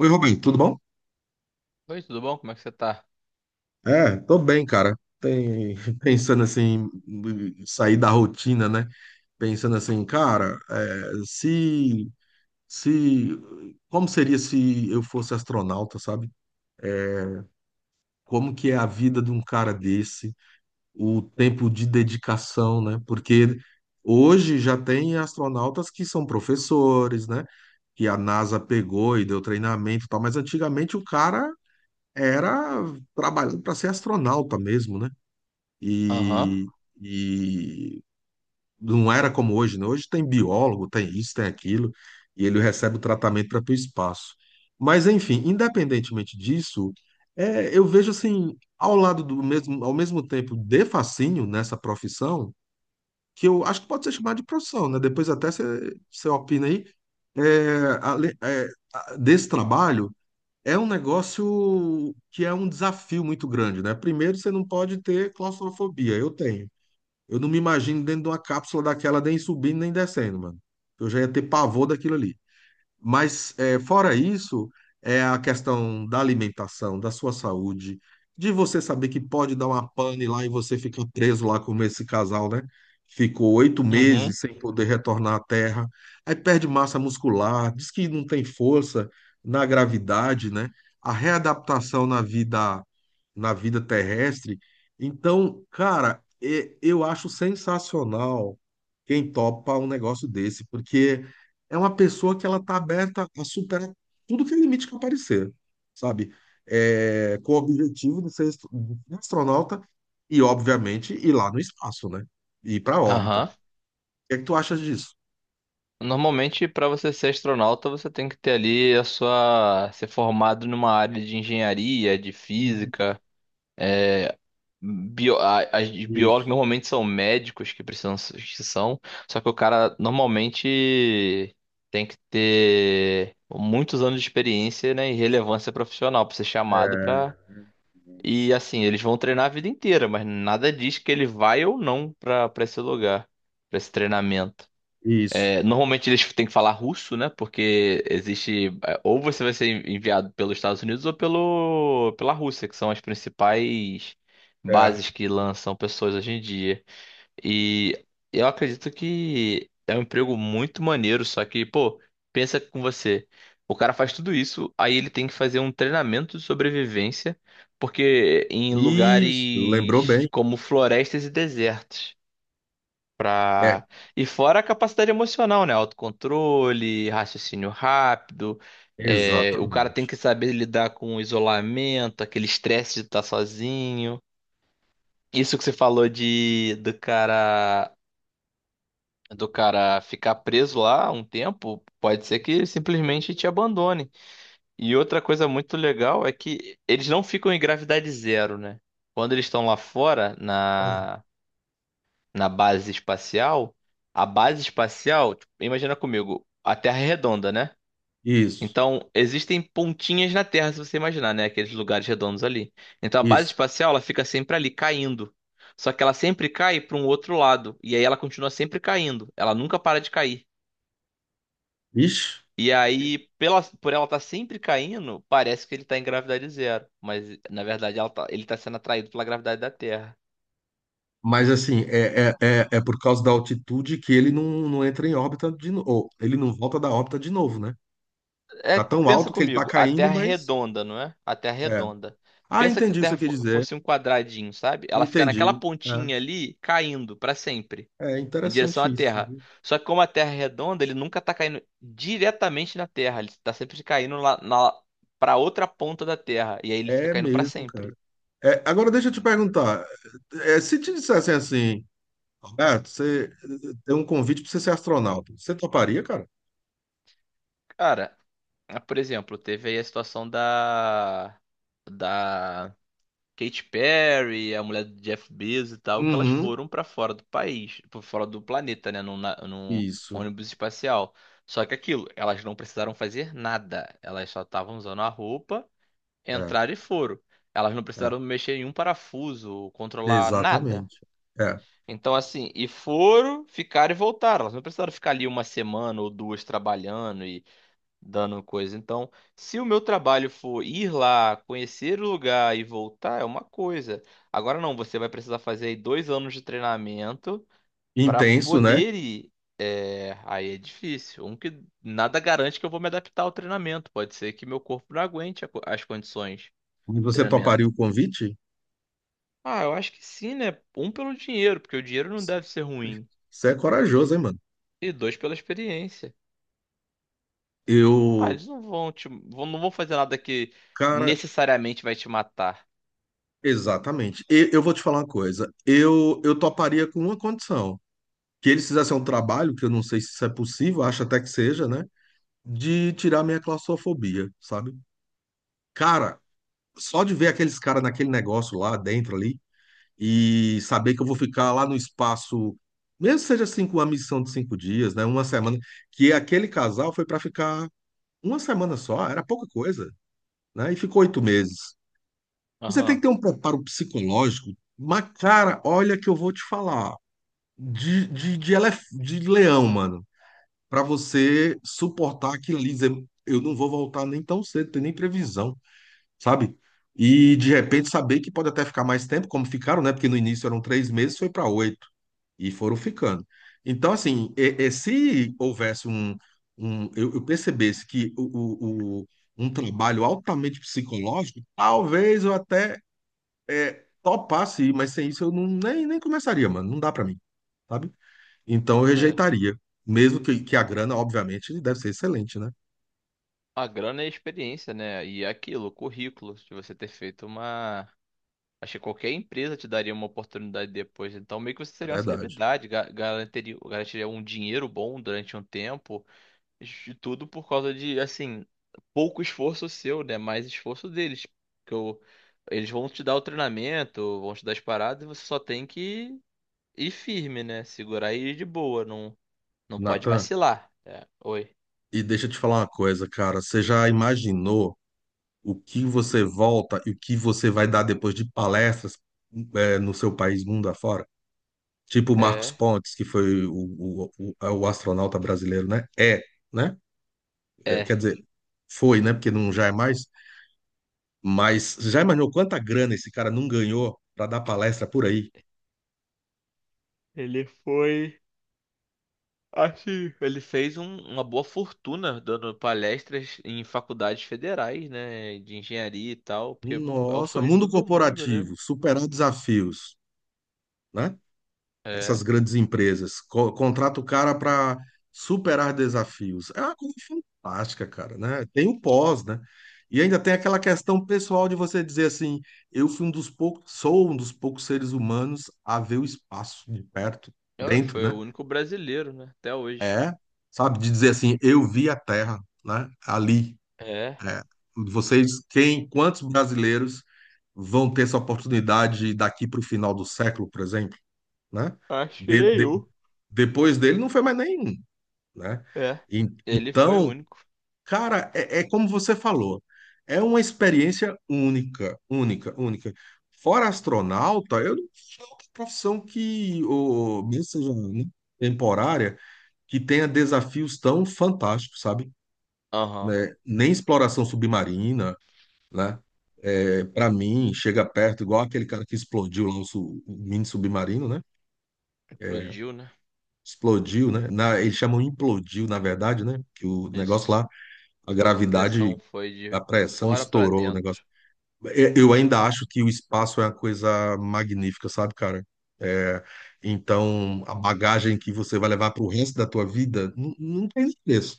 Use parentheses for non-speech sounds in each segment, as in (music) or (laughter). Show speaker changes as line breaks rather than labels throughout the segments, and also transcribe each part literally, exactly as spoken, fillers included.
Oi, Rubem, tudo bom?
Oi, tudo bom? Como é que você tá?
É, tô bem, cara. Tem, (laughs) pensando assim, em sair da rotina, né? Pensando assim, cara, é, se, se, como seria se eu fosse astronauta, sabe? Como que é a vida de um cara desse? O tempo de dedicação, né? Porque hoje já tem astronautas que são professores, né? Que a NASA pegou e deu treinamento e tal, mas antigamente o cara era trabalhando para ser astronauta mesmo, né?
Aham,
e, e não era como hoje, né? Hoje tem biólogo, tem isso, tem aquilo, e ele recebe o tratamento para o espaço. Mas, enfim, independentemente disso, é, eu vejo assim, ao lado do mesmo, ao mesmo tempo de fascínio nessa profissão, que eu acho que pode ser chamada de profissão, né? Depois até você você opina aí, é, ale- é, a- desse trabalho. É um negócio que é um desafio muito grande, né? Primeiro, você não pode ter claustrofobia. Eu tenho. Eu não me imagino dentro de uma cápsula daquela nem subindo nem descendo, mano. Eu já ia ter pavor daquilo ali. Mas, é, fora isso, é a questão da alimentação, da sua saúde, de você saber que pode dar uma pane lá e você fica preso lá como esse casal, né? Ficou oito
uhum,
meses sem poder retornar à Terra, aí perde massa muscular, diz que não tem força na gravidade, né? A readaptação na vida, na vida terrestre. Então, cara, e- eu acho sensacional quem topa um negócio desse, porque é uma pessoa que ela tá aberta a superar tudo que é limite que aparecer, sabe? É, com o objetivo de ser astro- de ser astronauta e, obviamente, ir lá no espaço, né? Ir para a órbita. O
aham.
que é que tu achas disso?
Normalmente, para você ser astronauta, você tem que ter ali a sua... ser formado numa área de engenharia, de física. Bio... a- As de biólogos
Isso.
normalmente são médicos que precisam que são, só que o cara normalmente tem que ter muitos anos de experiência, né, e relevância profissional para ser chamado
É,
para. E assim, eles vão treinar a vida inteira, mas nada diz que ele vai ou não pra para esse lugar, pra esse treinamento.
isso.
É, normalmente eles têm que falar russo, né? Porque existe, é, ou você vai ser enviado pelos Estados Unidos ou pelo pela Rússia, que são as principais
É.
bases que lançam pessoas hoje em dia. E eu acredito que é um emprego muito maneiro, só que, pô, pensa com você. O cara faz tudo isso, aí ele tem que fazer um treinamento de sobrevivência, porque em
Isso. Lembrou
lugares
bem.
como florestas e desertos.
É,
Pra... E fora a capacidade emocional, né? Autocontrole, raciocínio rápido. é, O cara tem
exatamente.
que saber lidar com o isolamento, aquele estresse de estar sozinho. Isso que você falou de do cara do cara ficar preso lá um tempo, pode ser que ele simplesmente te abandone. E outra coisa muito legal é que eles não ficam em gravidade zero, né? Quando eles estão lá fora,
Hum.
na, na base espacial, a base espacial, tipo, imagina comigo, a Terra é redonda, né?
Isso.
Então, existem pontinhas na Terra, se você imaginar, né? Aqueles lugares redondos ali. Então, a base
Isso.
espacial, ela fica sempre ali, caindo. Só que ela sempre cai para um outro lado. E aí ela continua sempre caindo. Ela nunca para de cair.
Ixi.
E aí, pela, por ela estar sempre caindo, parece que ele está em gravidade zero. Mas, na verdade, ela tá- ele está sendo atraído pela gravidade da Terra.
Mas assim, é, é, é, é por causa da altitude que ele não, não entra em órbita de novo. Ele não volta da órbita de novo, né?
É,
Tá tão
pensa
alto que ele tá
comigo, a
caindo,
Terra é
mas.
redonda, não é? A Terra é
É.
redonda.
Ah,
Pensa que a
entendi o que
Terra
você quer
fo-
dizer.
fosse um quadradinho, sabe? Ela fica naquela
Entendi.
pontinha ali, caindo para sempre,
É, é
em direção à
interessante isso,
Terra.
viu?
Só que como a Terra é redonda, ele nunca está caindo diretamente na Terra. Ele está sempre caindo lá, na, para outra ponta da Terra. E aí ele fica
É
caindo para
mesmo, cara.
sempre.
É, agora deixa eu te perguntar. é, é, se te dissessem assim, Roberto, você eh, tem um convite para você ser astronauta, você toparia, cara?
Cara, ah, por exemplo, teve aí a situação da da Katy Perry, a mulher do Jeff Bezos e tal, que elas
Uhum.
foram pra fora do país, pra fora do planeta, né, num, na- num
Isso.
ônibus espacial. Só que aquilo, elas não precisaram fazer nada, elas só estavam usando a roupa,
É,
entraram e foram. Elas não
é.
precisaram mexer em um parafuso, controlar nada.
Exatamente. É.
Então, assim, e foram, ficaram e voltaram. Elas não precisaram ficar ali uma semana ou duas trabalhando dando coisa. Então, se o meu trabalho for ir lá, conhecer o lugar e voltar, é uma coisa. Agora não, você vai precisar fazer aí dois anos de treinamento para
Intenso, né?
poder ir. É, aí é difícil. Um que nada garante que eu vou me adaptar ao treinamento. Pode ser que meu corpo não aguente a co- as condições
Mas
do
você
treinamento.
toparia o convite?
Ah, eu acho que sim, né? Um pelo dinheiro, porque o dinheiro não deve ser ruim.
Você é corajoso, hein, mano?
E dois pela experiência. Ah,
Eu,
eles não vão te, vão- não vão fazer nada que
cara,
necessariamente vai te matar.
exatamente. E- eu vou te falar uma coisa. Eu, eu toparia com uma condição, que eles fizessem um trabalho, que eu não sei se isso é possível, acho até que seja, né? De tirar minha claustrofobia, sabe? Cara, só de ver aqueles caras naquele negócio lá dentro ali e saber que eu vou ficar lá no espaço, mesmo que seja assim, com uma missão de cinco dias, né? Uma semana, que aquele casal foi pra ficar uma semana só, era pouca coisa, né? E ficou oito meses. Você tem que
Aham.
ter um preparo psicológico, mas, cara, olha que eu vou te falar, de, de, de, elef- de leão, mano, pra você suportar aquilo ali, dizer, eu não vou voltar nem tão cedo, tem nem previsão, sabe? E de repente saber que pode até ficar mais tempo, como ficaram, né? Porque no início eram três meses, foi para oito, e foram ficando. Então, assim, e- e se houvesse um, um eu, eu percebesse que o, o, o- um trabalho altamente psicológico, talvez eu até é, topar sim, mas sem isso eu não, nem, nem começaria, mano. Não dá pra mim, sabe? Então eu
É.
rejeitaria. Mesmo que, que a grana, obviamente, deve ser excelente, né?
A grana é a experiência, né? E é aquilo, o currículo, de você ter feito uma. Acho que qualquer empresa te daria uma oportunidade depois. Então, meio que você
É
seria uma
verdade.
celebridade, ga- garantiria, garantiria um dinheiro bom durante um tempo. De tudo por causa de, assim, pouco esforço seu, né? Mais esforço deles. que o- Eles vão te dar o treinamento, vão te dar as paradas, e você só tem que ir firme, né? Segurar e ir de boa. Não, não pode
Natan,
vacilar. É, oi.
e deixa eu te falar uma coisa, cara. Você já imaginou o que você volta e o que você vai dar depois de palestras é, no seu país, mundo afora? Tipo o Marcos
É,
Pontes, que foi o, o, o, é o astronauta brasileiro, né? É, né? É,
é.
quer dizer, foi, né? Porque não já é mais. Mas você já imaginou quanta grana esse cara não ganhou para dar palestra por aí?
Ele foi. Acho que ele fez um- uma boa fortuna dando palestras em faculdades federais, né, de engenharia e tal, porque é o
Nossa,
sonho de
mundo
todo mundo, né?
corporativo, superar desafios, né? Essas
É.
grandes empresas co- contrata o cara para superar desafios. É uma coisa fantástica, cara, né? Tem o pós, né? E ainda tem aquela questão pessoal de você dizer assim, eu fui um dos poucos, sou um dos poucos seres humanos a ver o espaço de perto,
É,
dentro,
foi o
né?
único brasileiro, né, até hoje.
É, sabe, de dizer assim, eu vi a Terra, né? Ali.
É.
É, vocês, quem, quantos brasileiros vão ter essa oportunidade daqui para o final do século, por exemplo, né?
Acho que
De- de-
nenhum.
depois dele não foi mais nenhum, né?
É.
E-
Ele foi o
então,
único.
cara, é, é como você falou, é uma experiência única, única, única. Fora astronauta, eu não tenho profissão que, ou, mesmo seja né, temporária, que tenha desafios tão fantásticos, sabe?
Aham.
Né? Nem exploração submarina, né? É, para mim, chega perto, igual aquele cara que explodiu lá o, su- o mini submarino, né?
Explodiu, né?
Explodiu, né? Na, eles chamam implodiu, na verdade, né? Que o negócio
Isso.
lá, a
Foi por pressão,
gravidade,
foi
a
de
pressão
fora pra
estourou o negócio.
dentro.
E- Eu ainda acho que o espaço é uma coisa magnífica, sabe, cara? É, então, a bagagem que você vai levar para o resto da tua vida não, não tem preço,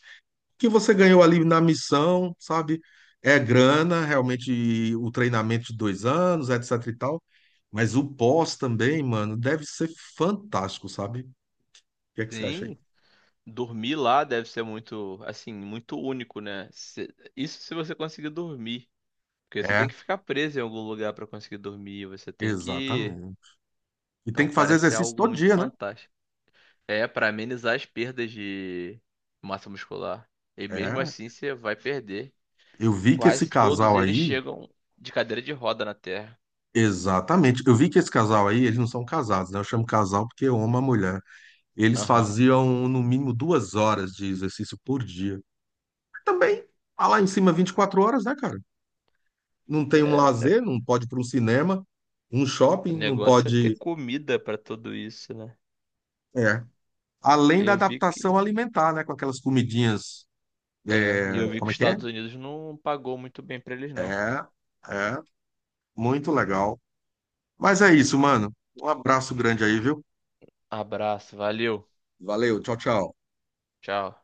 que você ganhou ali na missão, sabe? É grana, realmente o treinamento de dois anos, etc e tal. Mas o pós também, mano, deve ser fantástico, sabe? O que é que você acha aí?
Sim. Dormir lá deve ser muito, assim, muito único, né? Se- Isso se você conseguir dormir. Porque você
É,
tem que ficar preso em algum lugar pra conseguir dormir, você tem que.
exatamente. E tem
Então
que fazer
parece ser
exercício
algo
todo
muito
dia, né?
fantástico. É pra amenizar as perdas de massa muscular. E mesmo
É.
assim você vai perder.
Eu vi que esse
Quase todos
casal
eles
aí,
chegam de cadeira de roda na Terra.
exatamente. Eu vi que esse casal aí, eles não são casados, né? Eu chamo casal porque eu amo a mulher. Eles
Aham.
faziam no mínimo duas horas de exercício por dia. Também, tá lá em cima, vinte e quatro horas, né, cara? Não tem um
É, o ne-
lazer, não pode ir para um cinema, um
o
shopping, não
negócio é ter
pode.
comida pra tudo isso, né?
É. Além da
Eu vi
adaptação
que
alimentar, né? Com aquelas comidinhas.
é, e
é,
eu vi que
como é
os
que é?
Estados Unidos não pagou muito bem pra eles não.
É, é, muito legal. Mas é isso, mano. Um abraço grande aí, viu?
Abraço, valeu.
Valeu, tchau, tchau.
Tchau.